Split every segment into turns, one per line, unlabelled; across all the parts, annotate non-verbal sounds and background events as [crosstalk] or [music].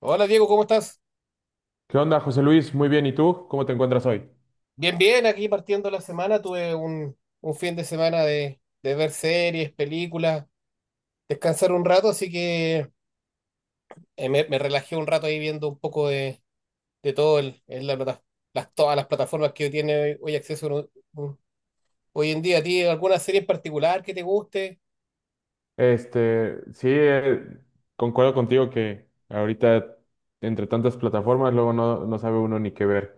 Hola Diego, ¿cómo estás?
¿Qué onda, José Luis? Muy bien, ¿y tú? ¿Cómo te encuentras hoy?
Bien, bien, aquí partiendo la semana, un fin de semana de ver series, películas, descansar un rato, así que me relajé un rato ahí viendo un poco de todo en la todas las plataformas que tiene hoy acceso hoy en día. ¿A ti alguna serie en particular que te guste?
Sí, concuerdo contigo que ahorita entre tantas plataformas luego no sabe uno ni qué ver.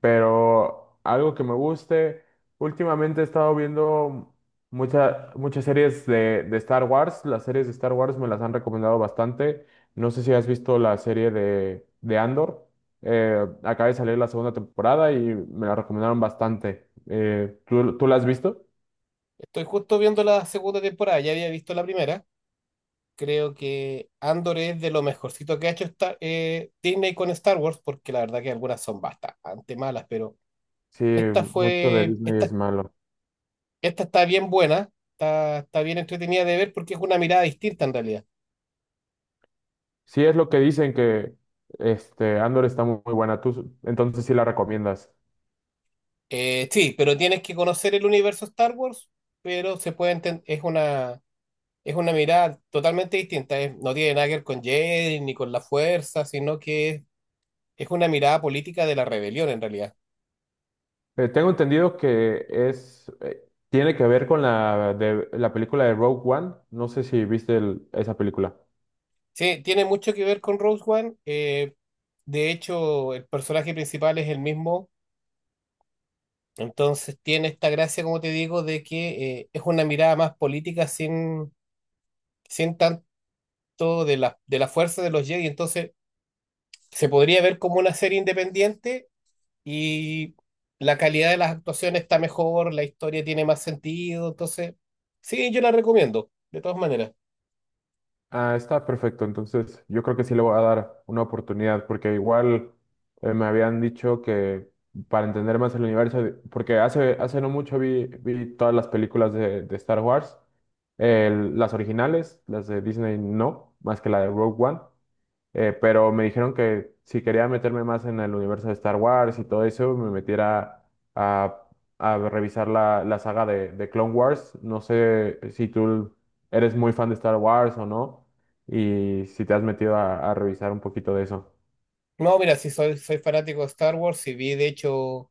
Pero algo que me guste, últimamente he estado viendo muchas series de Star Wars. Las series de Star Wars me las han recomendado bastante. No sé si has visto la serie de Andor. Acaba de salir la segunda temporada y me la recomendaron bastante. ¿Tú la has visto?
Estoy justo viendo la segunda temporada, ya había visto la primera. Creo que Andor es de lo mejorcito que ha hecho Disney con Star Wars, porque la verdad que algunas son bastante malas, pero...
Sí,
Esta
mucho de
fue,
Disney es
esta,
malo.
esta está bien buena, está bien entretenida de ver porque es una mirada distinta en realidad.
Sí, es lo que dicen que este Andor está muy buena. Tú, entonces sí la recomiendas.
Sí, pero tienes que conocer el universo Star Wars, pero se puede enten- es una mirada totalmente distinta. No tiene nada que ver con Jedi ni con la fuerza, es una mirada política de la rebelión en realidad.
Tengo entendido que es tiene que ver con la de la película de Rogue One. No sé si viste esa película.
Sí, tiene mucho que ver con Rose One. De hecho, el personaje principal es el mismo. Entonces tiene esta gracia, como te digo, de que es una mirada más política sin tanto de la fuerza de los Jedi. Entonces se podría ver como una serie independiente y la calidad de las actuaciones está mejor, la historia tiene más sentido. Entonces, sí, yo la recomiendo, de todas maneras.
Ah, está perfecto. Entonces, yo creo que sí le voy a dar una oportunidad, porque igual me habían dicho que para entender más el universo, porque hace no mucho vi todas las películas de Star Wars, las originales, las de Disney no, más que la de Rogue One. Pero me dijeron que si quería meterme más en el universo de Star Wars y todo eso, me metiera a, a revisar la saga de Clone Wars. No sé si tú eres muy fan de Star Wars o no, y si te has metido a revisar un poquito de eso.
No, mira, soy fanático de Star Wars y vi de hecho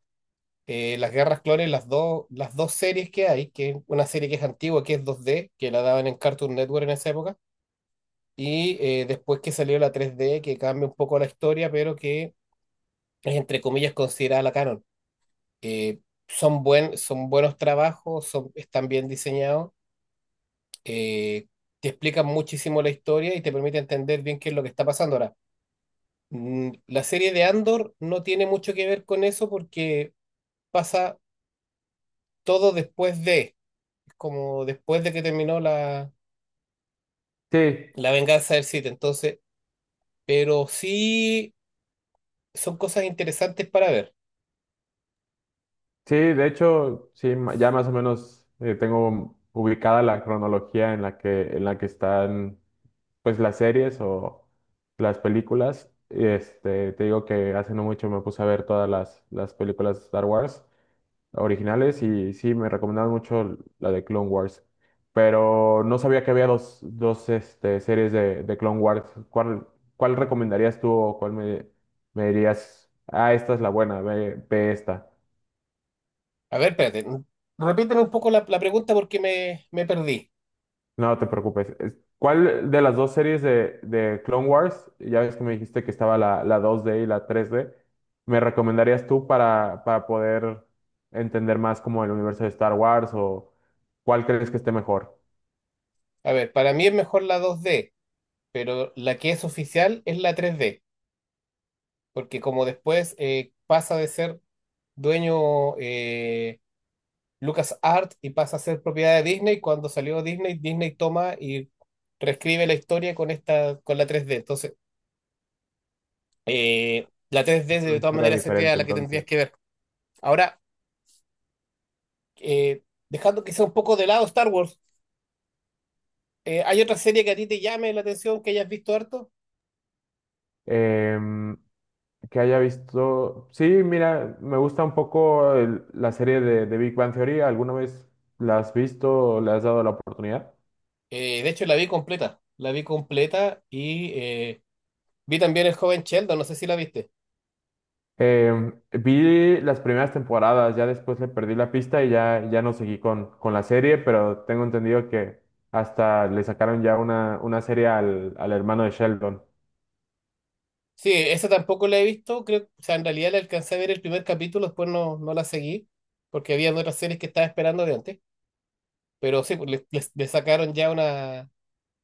las Guerras Clones, las dos series que hay, que es una serie que es antigua, que es 2D que la daban en Cartoon Network en esa época. Y después que salió la 3D, que cambia un poco la historia, pero que es entre comillas considerada la canon. Eh, Son, son buenos trabajos, son, están bien diseñados, eh, te explican muchísimo la historia y te permite entender bien qué es lo que está pasando ahora. La serie de Andor no tiene mucho que ver con eso porque pasa todo como después de que terminó
Sí,
la venganza del Sith, entonces, pero sí son cosas interesantes para ver.
sí, de hecho, sí, ya más o menos tengo ubicada la cronología en en la que están pues las series o las películas. Este, te digo que hace no mucho me puse a ver todas las películas de Star Wars originales y sí, me recomendaban mucho la de Clone Wars. Pero no sabía que había dos este, series de Clone Wars. ¿Cuál, Cuál recomendarías tú o me dirías, ah, esta es la buena, ve esta?
A ver, espérate. Repíteme un poco la pregunta porque me perdí.
No te preocupes. ¿Cuál de las dos series de Clone Wars, ya ves que me dijiste que estaba la 2D y la 3D, me recomendarías tú para poder entender más como el universo de Star Wars o cuál crees que esté mejor?
A ver, para mí es mejor la 2D, pero la que es oficial es la 3D, porque como después pasa de ser dueño LucasArts y pasa a ser propiedad de Disney, cuando salió Disney, Disney toma y reescribe la historia con esta, con la 3D. Entonces, la 3D de
Una
todas
historia
maneras sería
diferente
la que
entonces.
tendrías que ver. Ahora, eh, dejando que sea un poco de lado Star Wars, ¿hay otra serie que a ti te llame la atención que hayas visto harto?
Em, que haya visto... Sí, mira, me gusta un poco la serie de Big Bang Theory. ¿Alguna vez la has visto o le has dado la oportunidad?
De hecho, la vi completa. La vi completa y vi también El joven Sheldon, no sé si la viste.
Vi las primeras temporadas, ya después le perdí la pista y ya no seguí con la serie, pero tengo entendido que hasta le sacaron una serie al hermano de Sheldon.
Sí, esa tampoco la he visto, creo, o sea, en realidad la alcancé a ver el primer capítulo, después no, no la seguí, porque había otras series que estaba esperando de antes. Pero sí, pues, le sacaron ya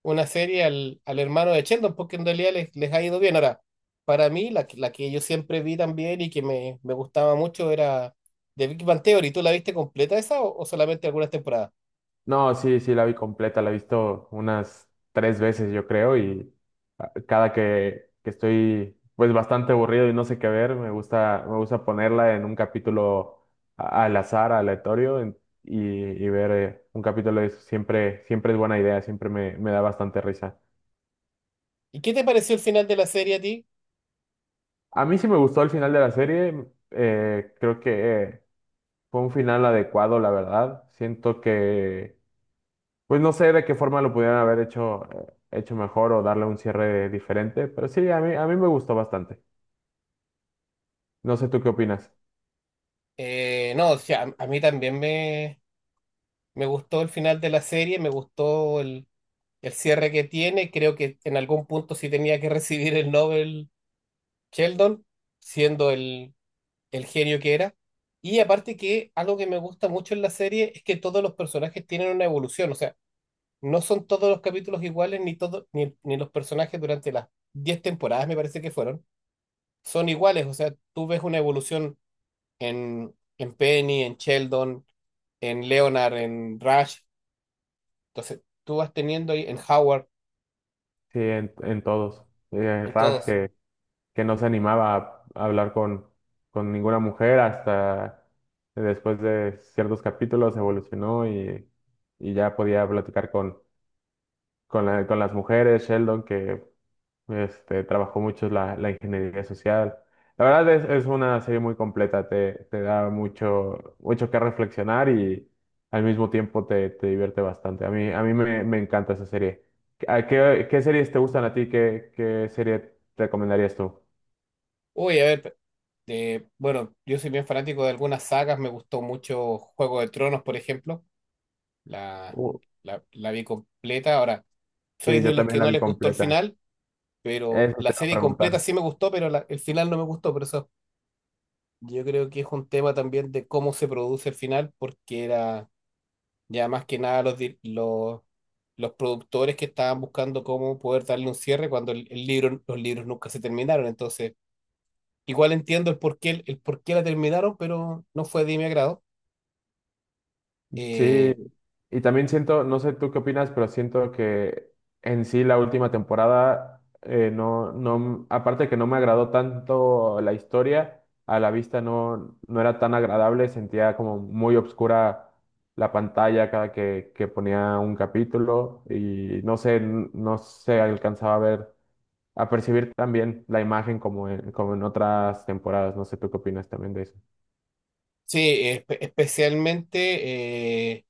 una serie al hermano de Sheldon, porque en realidad les ha ido bien. Ahora, para mí, la que yo siempre vi también y que me gustaba mucho era The Big Bang Theory. ¿Tú la viste completa esa o solamente algunas temporadas?
No, sí, sí, la vi completa, la he visto unas tres veces, yo creo, y a- cada que estoy pues bastante aburrido y no sé qué ver, me gusta ponerla en un capítulo al azar, aleatorio, y, y ver un capítulo de eso. Siempre es buena idea, me da bastante risa.
¿Y qué te pareció el final de la serie a ti?
A mí sí me gustó el final de la serie. Creo que fue un final adecuado, la verdad. Siento que, pues no sé de qué forma lo pudieran haber hecho mejor o darle un cierre diferente, pero sí, a mí me gustó bastante. No sé tú qué opinas.
No, o sea, a mí también me gustó el final de la serie, me gustó el cierre que tiene. Creo que en algún punto sí tenía que [laughs] recibir el Nobel Sheldon, siendo el genio que era. Y aparte que algo que me gusta mucho en la serie es que todos los personajes tienen una evolución, o sea, no son todos los capítulos iguales, ni todos, ni, ni los personajes durante las 10 temporadas, me parece que fueron, son iguales, o sea, tú ves una evolución en Penny, en Sheldon, en Leonard, en Rush, entonces tú vas teniendo ahí en Howard,
Sí, en todos. Eh,
en
Raj
todos.
que, que no se animaba a hablar con ninguna mujer hasta después de ciertos capítulos evolucionó y ya podía platicar con las mujeres. Sheldon que este, trabajó mucho la ingeniería social. La verdad es una serie muy completa, te da mucho que reflexionar y al mismo tiempo te divierte bastante. A mí me, me encanta esa serie. ¿Qué series te gustan a ti? ¿Qué serie te recomendarías tú?
Uy, a ver, bueno, yo soy bien fanático de algunas sagas, me gustó mucho Juego de Tronos, por ejemplo. La,
Uh,
la vi completa. Ahora, soy
Sí, yo
de los
también
que
la
no
vi
les gustó el
completa.
final, pero
Eso te
la
iba a
serie completa
preguntar.
sí me gustó, pero el final no me gustó. Por eso yo creo que es un tema también de cómo se produce el final, porque era ya más que nada los productores que estaban buscando cómo poder darle un cierre cuando el libro, los libros nunca se terminaron. Entonces, igual entiendo el por qué la terminaron, pero no fue de mi agrado.
Sí,
Eh,
y también siento, no sé tú qué opinas, pero siento que en sí la última temporada, no, aparte de que no me agradó tanto la historia, a la vista no era tan agradable, sentía como muy obscura la pantalla cada que ponía un capítulo y no sé, no se alcanzaba a ver, a percibir también la imagen como en, como en otras temporadas, no sé tú qué opinas también de eso.
sí, especialmente.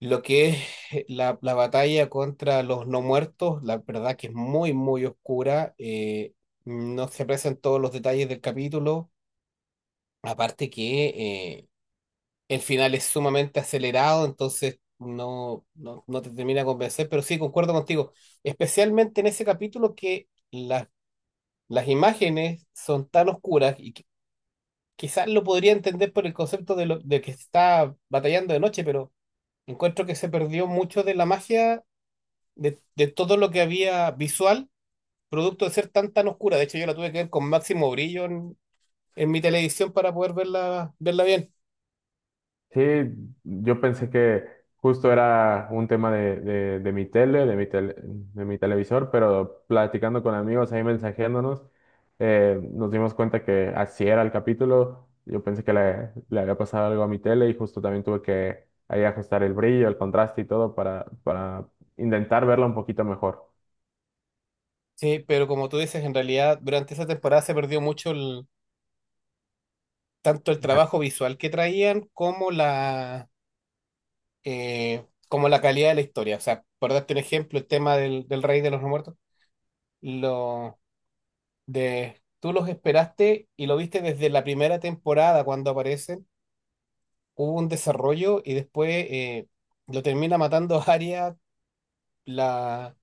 Lo que es la, la batalla contra los no muertos, la verdad que es muy, muy oscura. No se aprecian todos los detalles del capítulo. Aparte que el final es sumamente acelerado, entonces no, no, no te termina de convencer, pero sí, concuerdo contigo. Especialmente en ese capítulo que las imágenes son tan oscuras y quizás lo podría entender por el concepto de que está batallando de noche, pero encuentro que se perdió mucho de la magia de todo lo que había visual, producto de ser tan tan oscura. De hecho, yo la tuve que ver con máximo brillo en mi televisión para poder verla, verla bien.
Sí, yo pensé que justo era un tema de mi tele, de mi televisor, pero platicando con amigos, ahí mensajeándonos, nos dimos cuenta que así era el capítulo. Yo pensé que le había pasado algo a mi tele y justo también tuve que ahí ajustar el brillo, el contraste y todo para intentar verla un poquito mejor.
Sí, pero como tú dices, en realidad durante esa temporada se perdió mucho tanto el
Ah,
trabajo visual que traían como como la calidad de la historia. O sea, por darte un ejemplo, el tema del Rey de los No Muertos, lo tú los esperaste y lo viste desde la primera temporada cuando aparecen hubo un desarrollo y después lo termina matando [laughs] a Arya, la,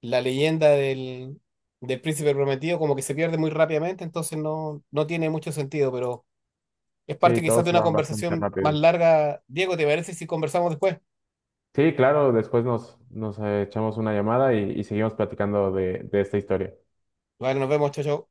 la leyenda del príncipe prometido, como que se pierde muy rápidamente, entonces no, no tiene mucho sentido, pero es
sí,
parte
todo
quizás de
se
una
va bastante
conversación más
rápido.
larga. Diego, ¿te parece si conversamos después?
Sí, claro, después nos echamos una llamada y seguimos platicando de esta historia.
Bueno, nos vemos, chao, chao.